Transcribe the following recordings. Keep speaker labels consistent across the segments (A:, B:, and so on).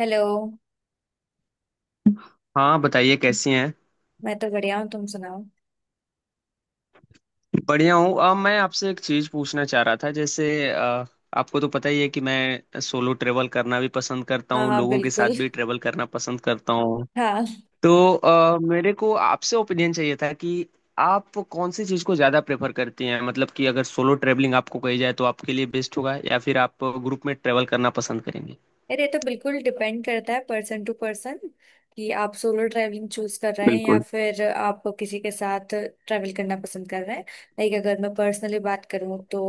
A: Hello.
B: हाँ बताइए कैसी हैं।
A: मैं तो बढ़िया हूँ, तुम सुनाओ।
B: बढ़िया हूँ। अब मैं आपसे एक चीज़ पूछना चाह रहा था जैसे अ, आपको तो पता ही है कि मैं सोलो ट्रेवल करना भी पसंद करता
A: हाँ
B: हूँ,
A: हाँ
B: लोगों के साथ
A: बिल्कुल।
B: भी ट्रेवल करना पसंद करता हूँ।
A: हाँ।
B: तो मेरे को आपसे ओपिनियन चाहिए था कि आप कौन सी चीज़ को ज़्यादा प्रेफर करती हैं, मतलब कि अगर सोलो ट्रेवलिंग आपको कही जाए तो आपके लिए बेस्ट होगा या फिर आप ग्रुप में ट्रेवल करना पसंद करेंगे।
A: अरे ये तो बिल्कुल डिपेंड करता है पर्सन टू पर्सन, कि आप सोलो ट्रैवलिंग चूज कर रहे हैं या
B: बिल्कुल।
A: फिर आप किसी के साथ ट्रैवल करना पसंद कर रहे हैं। लाइक अगर मैं पर्सनली बात करूँ तो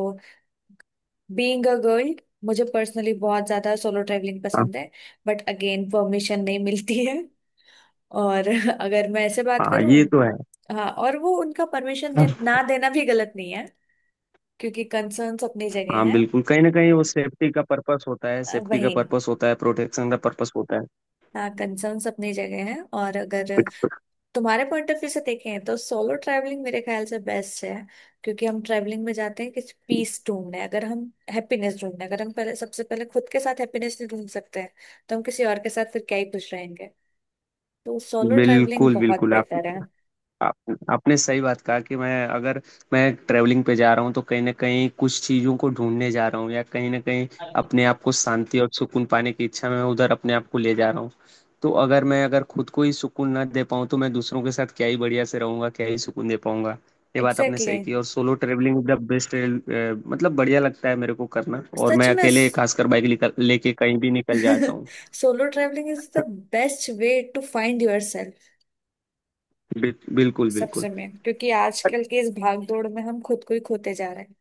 A: बीइंग अ गर्ल मुझे पर्सनली बहुत ज्यादा सोलो ट्रैवलिंग
B: हाँ
A: पसंद है। बट अगेन परमिशन नहीं मिलती है। और अगर मैं ऐसे बात
B: हाँ,
A: करूँ,
B: ये तो है।
A: हाँ और वो उनका परमिशन दे, ना देना भी गलत नहीं है, क्योंकि कंसर्न्स अपनी
B: हाँ
A: जगह है।
B: बिल्कुल, कहीं ना कहीं वो सेफ्टी का पर्पस होता है, सेफ्टी का
A: वही।
B: पर्पस होता है, प्रोटेक्शन का पर्पस होता है।
A: हाँ कंसर्न्स अपनी जगह है, और अगर तुम्हारे पॉइंट ऑफ व्यू से देखें तो सोलो ट्रैवलिंग मेरे ख्याल से बेस्ट है, क्योंकि हम ट्रैवलिंग में जाते हैं कि पीस ढूंढने, अगर हम हैप्पीनेस ढूंढने, अगर हम पहले सबसे पहले खुद के साथ हैप्पीनेस नहीं ढूंढ सकते हैं तो हम किसी और के साथ फिर क्या ही खुश रहेंगे। तो सोलो ट्रैवलिंग
B: बिल्कुल
A: बहुत
B: बिल्कुल। आप,
A: बेटर है।
B: आप आपने सही बात कहा कि मैं अगर मैं ट्रैवलिंग पे जा रहा हूँ तो कहीं ना कहीं कुछ चीज़ों को ढूंढने जा रहा हूँ, या कहीं ना कहीं अपने आप को शांति और सुकून पाने की इच्छा में उधर अपने आप को ले जा रहा हूँ। तो अगर मैं अगर खुद को ही सुकून ना दे पाऊँ तो मैं दूसरों के साथ क्या ही बढ़िया से रहूंगा, क्या ही सुकून दे पाऊंगा। ये बात आपने
A: एग्जैक्टली
B: सही
A: exactly।
B: की, और सोलो ट्रैवलिंग द बेस्ट। मतलब बढ़िया लगता है मेरे को करना, और
A: सच
B: मैं
A: में
B: अकेले खासकर बाइक लेके कहीं भी निकल जाता हूँ।
A: Solo travelling is the best way to find your self.
B: Bill- बिल्कुल बिल्कुल
A: सबसे में, क्योंकि आजकल के इस भाग दौड़ में हम खुद को ही खोते जा रहे हैं।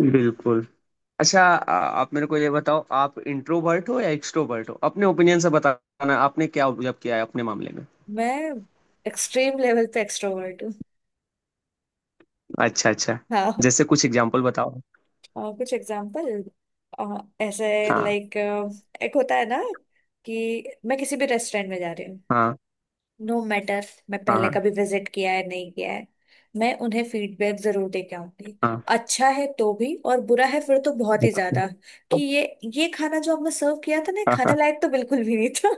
B: बिल्कुल अच्छा आप मेरे को ये बताओ, आप इंट्रोवर्ट हो या एक्सट्रोवर्ट हो? अपने ओपिनियन से बताना, आपने क्या ऑब्जर्व किया है अपने मामले में।
A: मैं एक्सट्रीम लेवल पे एक्सट्रोवर्ट हूँ।
B: अच्छा अच्छा।
A: हाँ।
B: जैसे कुछ एग्जांपल बताओ।
A: कुछ एग्जांपल ऐसे।
B: हाँ।
A: लाइक एक होता है ना कि मैं किसी भी रेस्टोरेंट में जा रही हूँ,
B: हाँ।
A: नो मैटर मैं पहले
B: हाँ।
A: कभी विजिट किया है नहीं किया है, मैं उन्हें फीडबैक जरूर दे के आऊंगी।
B: हाँ।
A: अच्छा है तो भी, और बुरा है फिर तो बहुत ही ज्यादा, कि ये खाना जो आपने सर्व किया था ना ये
B: हाँ।
A: खाने
B: हाँ।
A: लायक तो बिल्कुल भी नहीं था।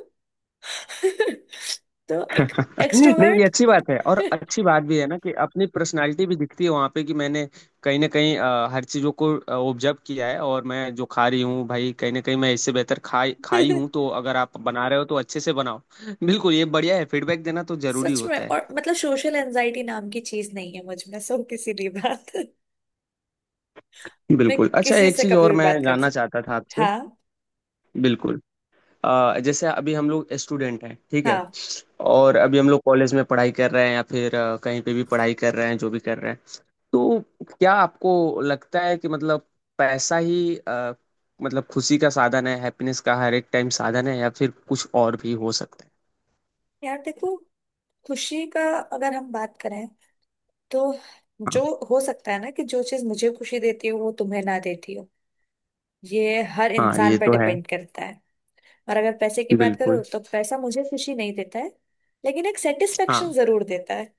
A: तो एक
B: नहीं, ये
A: एक्सट्रोवर्ट।
B: अच्छी बात है, और अच्छी बात भी है ना कि अपनी पर्सनालिटी भी दिखती है वहां पे कि मैंने कहीं ना कहीं हर चीजों को ऑब्जर्व किया है, और मैं जो खा रही हूँ भाई, कहीं ना कहीं मैं इससे बेहतर खाई खाई हूँ, तो अगर आप बना रहे हो तो अच्छे से बनाओ। बिल्कुल ये बढ़िया है, फीडबैक देना तो जरूरी
A: सच में,
B: होता है।
A: और मतलब सोशल एंजाइटी नाम की चीज नहीं है मुझ में, सो किसी भी बात। मैं
B: बिल्कुल। अच्छा
A: किसी
B: एक
A: से
B: चीज
A: कभी
B: और
A: भी
B: मैं
A: बात कर
B: जानना
A: सकती।
B: चाहता था आपसे।
A: हाँ
B: बिल्कुल। जैसे अभी हम लोग स्टूडेंट हैं ठीक है,
A: हाँ।
B: और अभी हम लोग कॉलेज में पढ़ाई कर रहे हैं या फिर कहीं पे भी पढ़ाई कर रहे हैं, जो भी कर रहे हैं, तो क्या आपको लगता है कि मतलब पैसा ही मतलब खुशी का साधन है, हैप्पीनेस का हर एक टाइम साधन है, या फिर कुछ और भी हो सकता है?
A: यार देखो खुशी का अगर हम बात करें तो
B: हाँ
A: जो, हो सकता है ना कि जो चीज मुझे खुशी देती हो वो तुम्हें ना देती हो। ये हर
B: हाँ,
A: इंसान
B: ये
A: पर
B: तो है।
A: डिपेंड करता है। और अगर पैसे की बात करो
B: बिल्कुल।
A: तो पैसा मुझे खुशी नहीं देता है, लेकिन एक सेटिस्फेक्शन
B: हाँ
A: जरूर देता है।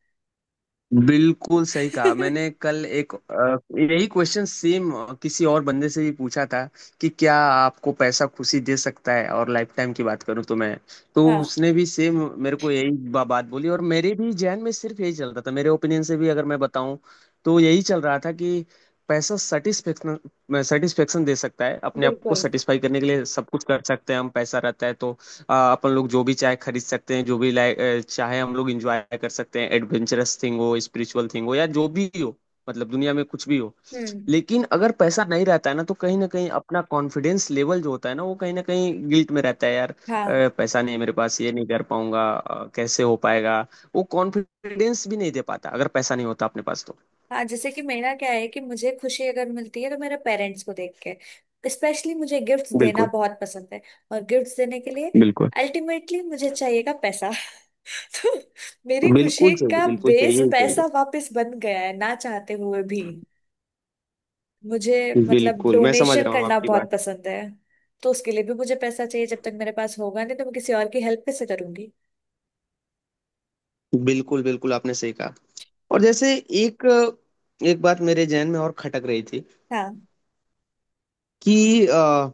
B: बिल्कुल सही कहा। मैंने कल एक यही क्वेश्चन सेम किसी और बंदे से भी पूछा था कि क्या आपको पैसा खुशी दे सकता है, और लाइफ टाइम की बात करूं तो मैं, तो
A: हाँ
B: उसने भी सेम मेरे को यही बात बोली, और मेरे भी जहन में सिर्फ यही चल रहा था। मेरे ओपिनियन से भी अगर मैं बताऊं तो यही चल रहा था कि पैसा सेटिस्फेक्शन, सेटिस्फेक्शन दे सकता है। अपने आप को
A: बिल्कुल।
B: सेटिस्फाई करने के लिए सब कुछ कर सकते हैं हम, पैसा रहता है तो अपन लोग जो भी चाहे खरीद सकते हैं, जो भी लाइक चाहे हम लोग इंजॉय कर सकते हैं, एडवेंचरस थिंग हो, स्पिरिचुअल थिंग हो, या जो भी हो, मतलब दुनिया में कुछ भी हो।
A: हम्म।
B: लेकिन अगर पैसा नहीं रहता है ना, तो कहीं ना कहीं अपना कॉन्फिडेंस लेवल जो होता है ना, वो कहीं ना कहीं गिल्ट में रहता है यार,
A: हाँ
B: पैसा नहीं है मेरे पास, ये नहीं कर पाऊंगा, कैसे हो पाएगा। वो कॉन्फिडेंस भी नहीं दे पाता अगर पैसा नहीं होता अपने पास तो।
A: हाँ जैसे कि मेरा क्या है कि मुझे खुशी अगर मिलती है तो मेरे पेरेंट्स को देख के, स्पेशली मुझे गिफ्ट्स देना
B: बिल्कुल
A: बहुत पसंद है, और गिफ्ट्स देने के लिए
B: बिल्कुल।
A: अल्टीमेटली मुझे चाहिएगा पैसा। तो मेरी
B: बिल्कुल
A: खुशी
B: चाहिए,
A: का
B: बिल्कुल चाहिए
A: बेस
B: ही चाहिए।
A: पैसा वापस बन गया है, ना चाहते हुए भी। मुझे मतलब
B: बिल्कुल मैं समझ
A: डोनेशन
B: रहा हूँ
A: करना
B: आपकी बात।
A: बहुत पसंद है, तो उसके लिए भी मुझे पैसा चाहिए। जब तक मेरे पास होगा नहीं तो मैं किसी और की हेल्प कैसे करूंगी।
B: बिल्कुल बिल्कुल आपने सही कहा। और जैसे एक एक बात मेरे जहन में और खटक रही थी
A: हाँ।
B: कि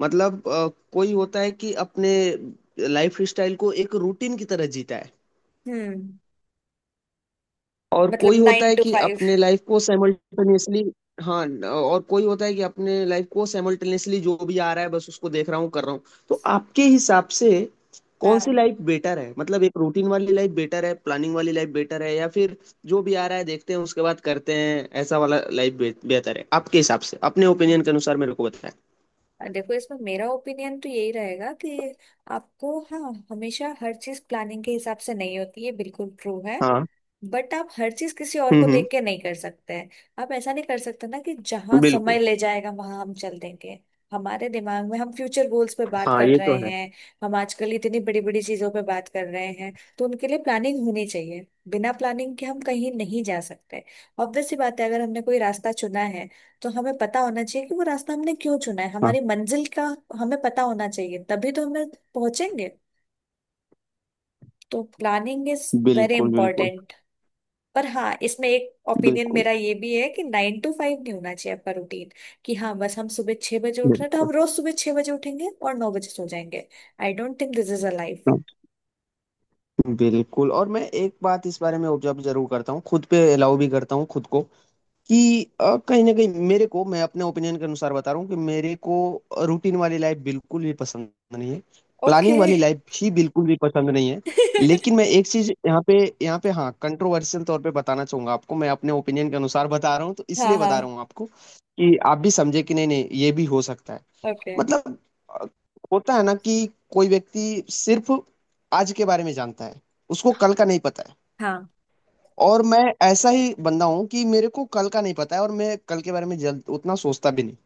B: मतलब कोई होता है कि अपने लाइफ स्टाइल को एक रूटीन की तरह जीता है,
A: हम्म।
B: और
A: मतलब
B: कोई होता
A: नाइन
B: है
A: टू
B: कि
A: फाइव।
B: अपने लाइफ को साइमल्टेनियसली, और कोई होता है कि अपने लाइफ को साइमल्टेनियसली जो भी आ रहा है बस उसको देख रहा हूँ, कर रहा हूँ। तो आपके हिसाब से कौन
A: हाँ
B: सी लाइफ बेटर है, मतलब एक रूटीन वाली लाइफ बेटर है, प्लानिंग वाली लाइफ बेटर है, या फिर जो भी आ रहा है देखते हैं उसके बाद करते हैं ऐसा वाला लाइफ बेहतर है आपके हिसाब से? अपने ओपिनियन के अनुसार मेरे को बताएं।
A: देखो इसमें मेरा ओपिनियन तो यही रहेगा कि आपको, हाँ हमेशा हर चीज प्लानिंग के हिसाब से नहीं होती है, बिल्कुल ट्रू है,
B: हाँ।
A: बट आप हर चीज किसी और को
B: हम्म।
A: देख के नहीं कर सकते हैं। आप ऐसा नहीं कर सकते ना कि जहां समय
B: बिल्कुल।
A: ले जाएगा वहां हम चल देंगे। हमारे दिमाग में हम फ्यूचर गोल्स पे बात
B: हाँ
A: कर
B: ये तो
A: रहे
B: है।
A: हैं। हम आजकल इतनी बड़ी बड़ी चीजों पे बात कर रहे हैं, तो उनके लिए प्लानिंग होनी चाहिए। बिना प्लानिंग के हम कहीं नहीं जा सकते। ऑब्वियस सी बात है अगर हमने कोई रास्ता चुना है तो हमें पता होना चाहिए कि वो रास्ता हमने क्यों चुना है,
B: हाँ।
A: हमारी मंजिल का हमें पता होना चाहिए तभी तो हमें पहुंचेंगे। तो प्लानिंग इज वेरी
B: बिल्कुल बिल्कुल।
A: इंपॉर्टेंट। पर हाँ इसमें एक ओपिनियन
B: बिल्कुल।
A: मेरा ये भी है कि नाइन टू फाइव नहीं होना चाहिए आपका रूटीन, कि हाँ बस हम सुबह छह बजे उठ रहे हैं तो
B: बिल्कुल
A: हम रोज सुबह छह बजे उठेंगे और नौ बजे सो जाएंगे। I don't think this is a life.
B: बिल्कुल। और मैं एक बात इस बारे में ऑब्जर्व जरूर करता हूँ खुद पे, अलाउ भी करता हूँ खुद को कि कहीं ना कहीं मेरे को, मैं अपने ओपिनियन के अनुसार बता रहा हूँ कि मेरे को रूटीन वाली लाइफ बिल्कुल भी पसंद नहीं है,
A: ओके।
B: प्लानिंग वाली लाइफ ही बिल्कुल भी पसंद नहीं है। लेकिन मैं एक चीज यहाँ पे, यहाँ पे हाँ कंट्रोवर्शियल तौर पे बताना चाहूंगा आपको, मैं अपने ओपिनियन के अनुसार बता रहा हूँ तो
A: हाँ
B: इसलिए बता
A: हाँ।
B: रहा हूँ आपको कि आप भी समझे कि नहीं नहीं ये भी हो सकता है।
A: ओके।
B: मतलब अ, होता है ना कि कोई व्यक्ति सिर्फ आज के बारे में जानता है, उसको कल का नहीं पता है।
A: हाँ।
B: और मैं ऐसा ही बंदा हूँ कि मेरे को कल का नहीं पता है, और मैं कल के बारे में जल्द उतना सोचता भी नहीं।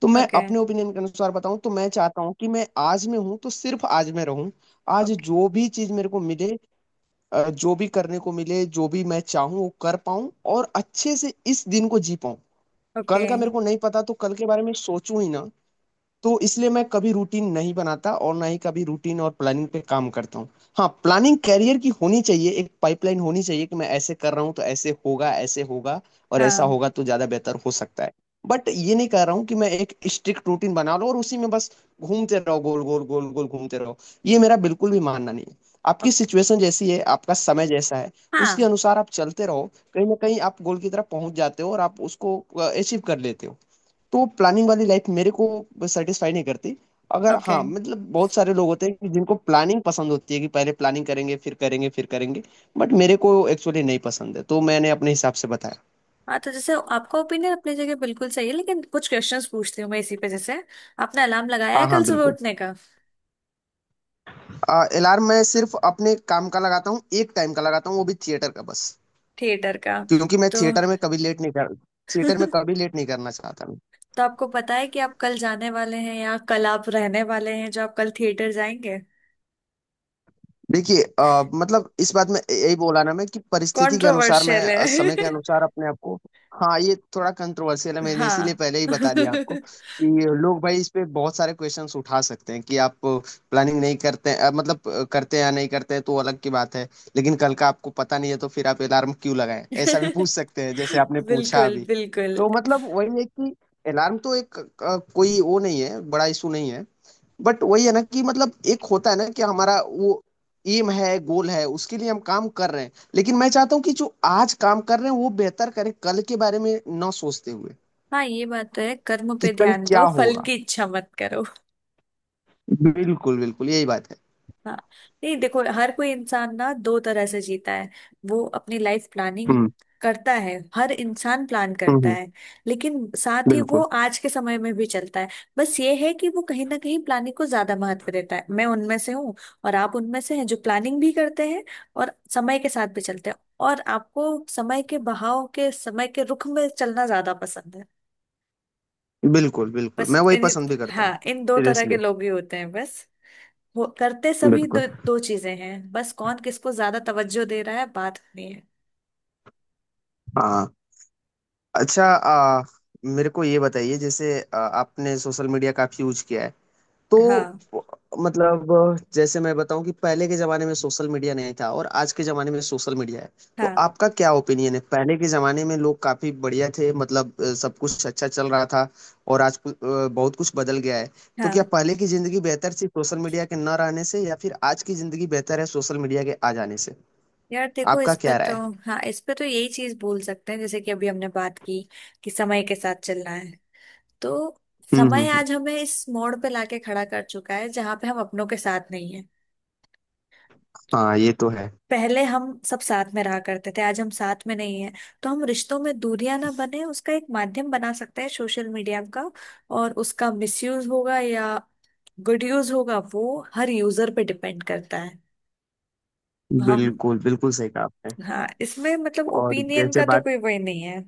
B: तो मैं
A: ओके।
B: अपने ओपिनियन के अनुसार बताऊं तो मैं चाहता हूं कि मैं आज में हूं तो सिर्फ आज में रहूं। आज
A: ओके।
B: जो भी चीज मेरे को मिले, जो भी करने को मिले, जो भी मैं चाहूं वो कर पाऊं, और अच्छे से इस दिन को जी पाऊं।
A: ओके।
B: कल का मेरे को नहीं पता, तो कल के बारे में सोचूं ही ना। तो इसलिए मैं कभी रूटीन नहीं बनाता और ना ही कभी रूटीन और प्लानिंग पे काम करता हूँ। हाँ प्लानिंग कैरियर की होनी चाहिए, एक पाइपलाइन होनी चाहिए कि मैं ऐसे कर रहा हूँ तो ऐसे होगा, ऐसे होगा, और ऐसा
A: हाँ।
B: होगा तो ज्यादा बेहतर हो सकता है। बट ये नहीं कह रहा हूँ कि मैं एक स्ट्रिक्ट रूटीन बना लूँ और उसी में बस घूमते रहो, गोल गोल गोल गोल घूमते रहो, ये मेरा बिल्कुल भी मानना नहीं है। आपकी
A: ओके।
B: सिचुएशन जैसी है, आपका समय जैसा है, उसके
A: हाँ।
B: अनुसार आप चलते रहो, कहीं ना कहीं आप गोल की तरफ पहुंच जाते हो और आप उसको अचीव कर लेते हो। तो प्लानिंग वाली लाइफ मेरे को सेटिस्फाई नहीं करती। अगर
A: ओके।
B: हाँ मतलब बहुत सारे लोग होते हैं कि जिनको प्लानिंग पसंद होती है कि पहले प्लानिंग करेंगे, फिर करेंगे फिर करेंगे, बट मेरे को एक्चुअली नहीं पसंद है, तो मैंने अपने हिसाब से बताया।
A: हाँ तो जैसे आपका ओपिनियन अपनी जगह बिल्कुल सही है, लेकिन कुछ क्वेश्चंस पूछती हूँ मैं इसी पे, जैसे आपने अलार्म लगाया है
B: हाँ हाँ
A: कल सुबह
B: बिल्कुल।
A: उठने का।
B: अलार्म मैं सिर्फ अपने काम का लगाता हूँ, एक टाइम का लगाता हूँ, वो भी थिएटर का बस।
A: थिएटर का?
B: क्योंकि मैं
A: तो
B: थिएटर में कभी लेट नहीं कर, थिएटर में कभी लेट नहीं करना चाहता।
A: तो आपको पता है कि आप कल जाने वाले हैं या कल आप रहने वाले हैं, जो आप कल थिएटर जाएंगे।
B: देखिए मतलब इस बात में यही बोला ना मैं कि परिस्थिति के अनुसार मैं
A: कंट्रोवर्शियल है।
B: समय के अनुसार अपने आप को। हाँ ये थोड़ा कंट्रोवर्शियल है, मैंने इसीलिए
A: हाँ।
B: पहले ही बता दिया आपको कि लोग भाई इस पे बहुत सारे क्वेश्चंस उठा सकते हैं कि आप प्लानिंग नहीं करते हैं, मतलब करते हैं या नहीं करते हैं तो अलग की बात है। लेकिन कल का आपको पता नहीं है तो फिर आप अलार्म क्यों लगाएं, ऐसा भी पूछ सकते हैं जैसे आपने पूछा
A: बिल्कुल
B: अभी।
A: बिल्कुल।
B: तो मतलब वही है कि अलार्म तो एक कोई वो नहीं है, बड़ा इशू नहीं है। बट वही है ना कि मतलब एक होता है ना कि हमारा वो एम है, गोल है, उसके लिए हम काम कर रहे हैं, लेकिन मैं चाहता हूँ कि जो आज काम कर रहे हैं वो बेहतर करें, कल के बारे में ना सोचते हुए
A: हाँ ये बात तो है, कर्म
B: कि
A: पे
B: कल
A: ध्यान
B: क्या
A: दो फल
B: होगा।
A: की इच्छा मत करो।
B: बिल्कुल बिल्कुल यही बात है।
A: हाँ। नहीं देखो हर कोई इंसान ना दो तरह से जीता है। वो अपनी लाइफ प्लानिंग
B: हम्म
A: करता है, हर इंसान प्लान करता
B: हम्म।
A: है, लेकिन साथ ही वो
B: बिल्कुल।
A: आज के समय में भी चलता है। बस ये है कि वो कहीं ना कहीं प्लानिंग को ज्यादा महत्व देता है, मैं उनमें से हूँ। और आप उनमें से हैं जो प्लानिंग भी करते हैं और समय के साथ भी चलते हैं, और आपको समय के बहाव के, समय के रुख में चलना ज्यादा पसंद है।
B: बिल्कुल बिल्कुल
A: बस
B: मैं वही
A: इन,
B: पसंद भी करता हूँ
A: हाँ इन दो तरह
B: सीरियसली।
A: के लोग ही होते हैं बस। वो करते सभी
B: बिल्कुल।
A: दो, दो चीजें हैं बस, कौन किसको ज्यादा तवज्जो दे रहा है बात होनी है।
B: हाँ। अच्छा मेरे को ये बताइए, जैसे आपने सोशल मीडिया काफी यूज किया है, तो
A: हाँ
B: मतलब जैसे मैं बताऊं कि पहले के जमाने में सोशल मीडिया नहीं था और आज के जमाने में सोशल मीडिया है, तो
A: हाँ
B: आपका क्या ओपिनियन है? पहले के जमाने में लोग काफी बढ़िया थे, मतलब सब कुछ अच्छा चल रहा था, और आज बहुत कुछ बदल गया है। तो क्या
A: हाँ।
B: पहले की जिंदगी बेहतर थी सोशल मीडिया के न रहने से, या फिर आज की जिंदगी बेहतर है सोशल मीडिया के आ जाने से?
A: यार देखो
B: आपका
A: इस पे
B: क्या राय
A: तो,
B: है?
A: हाँ इस पे तो यही चीज बोल सकते हैं, जैसे कि अभी हमने बात की कि समय के साथ चलना है, तो
B: हम्म हम्म
A: समय
B: हम्म।
A: आज हमें इस मोड़ पे लाके खड़ा कर चुका है जहां पे हम अपनों के साथ नहीं है।
B: हाँ ये तो है।
A: पहले हम सब साथ में रहा करते थे, आज हम साथ में नहीं है। तो हम रिश्तों में दूरियां ना बने उसका एक माध्यम बना सकते हैं सोशल मीडिया का। और उसका मिसयूज होगा या गुड यूज होगा वो हर यूजर पे डिपेंड करता है। हम,
B: बिल्कुल बिल्कुल सही कहा आपने।
A: हाँ इसमें मतलब
B: और
A: ओपिनियन
B: जैसे
A: का तो
B: बात,
A: कोई वही नहीं है।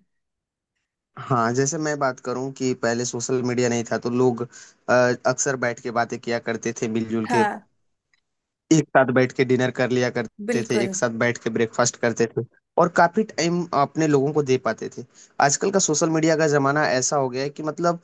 B: हाँ जैसे मैं बात करूं कि पहले सोशल मीडिया नहीं था तो लोग अक्सर बैठ के बातें किया करते थे मिलजुल के,
A: हाँ
B: एक साथ बैठ के डिनर कर लिया करते थे,
A: बिल्कुल।
B: एक साथ बैठ के ब्रेकफास्ट करते थे, और काफी टाइम अपने लोगों को दे पाते थे। आजकल का सोशल मीडिया का जमाना ऐसा हो गया है कि मतलब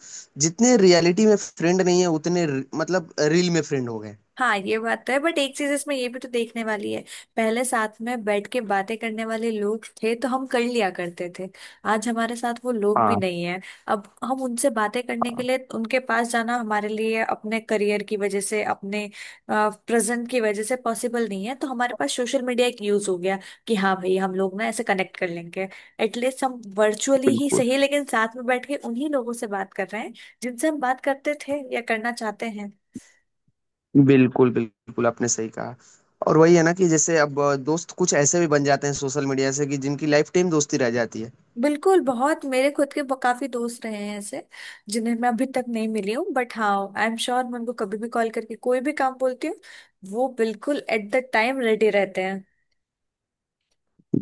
B: जितने रियलिटी में फ्रेंड नहीं है, उतने मतलब रील में फ्रेंड हो गए।
A: हाँ ये बात तो है, बट एक चीज इसमें ये भी तो देखने वाली है। पहले साथ में बैठ के बातें करने वाले लोग थे तो हम कर लिया करते थे, आज हमारे साथ वो लोग भी
B: हाँ।
A: नहीं है। अब हम उनसे बातें करने के
B: हाँ।
A: लिए उनके पास जाना हमारे लिए अपने करियर की वजह से, अपने प्रेजेंट की वजह से पॉसिबल नहीं है, तो हमारे पास सोशल मीडिया एक यूज हो गया, कि हाँ भाई हम लोग ना ऐसे कनेक्ट कर लेंगे, एटलीस्ट हम वर्चुअली ही
B: बिल्कुल
A: सही लेकिन साथ में बैठ के उन्हीं लोगों से बात कर रहे हैं जिनसे हम बात करते थे या करना चाहते हैं।
B: बिल्कुल बिल्कुल आपने सही कहा। और वही है ना कि जैसे अब दोस्त कुछ ऐसे भी बन जाते हैं सोशल मीडिया से कि जिनकी लाइफ टाइम दोस्ती रह जाती है।
A: बिल्कुल, बहुत मेरे खुद के काफी दोस्त रहे हैं ऐसे जिन्हें मैं अभी तक नहीं मिली हूँ, बट हाँ आई एम श्योर मैं उनको कभी भी कॉल करके कोई भी काम बोलती हूँ वो बिल्कुल एट द टाइम रेडी रहते हैं।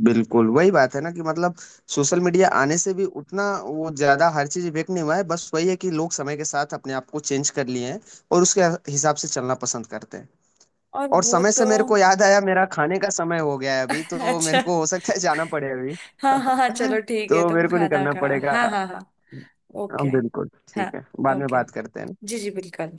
B: बिल्कुल। वही बात है ना कि मतलब सोशल मीडिया आने से भी उतना वो ज्यादा हर चीज इफेक्ट नहीं हुआ है, बस वही है कि लोग समय के साथ अपने आप को चेंज कर लिए हैं, और उसके हिसाब से चलना पसंद करते हैं।
A: और
B: और
A: वो
B: समय से
A: तो
B: मेरे को याद आया, मेरा खाने का समय हो गया है अभी, तो मेरे
A: अच्छा
B: को हो सकता है जाना पड़े अभी,
A: हाँ हाँ हाँ चलो ठीक है,
B: तो
A: तुम
B: मेरे को
A: खाना
B: निकलना
A: खा।
B: पड़ेगा।
A: हाँ हाँ हाँ।
B: हाँ,
A: ओके।
B: बिल्कुल।
A: हाँ।
B: ठीक है, बाद में
A: ओके।
B: बात करते हैं।
A: जी जी बिल्कुल।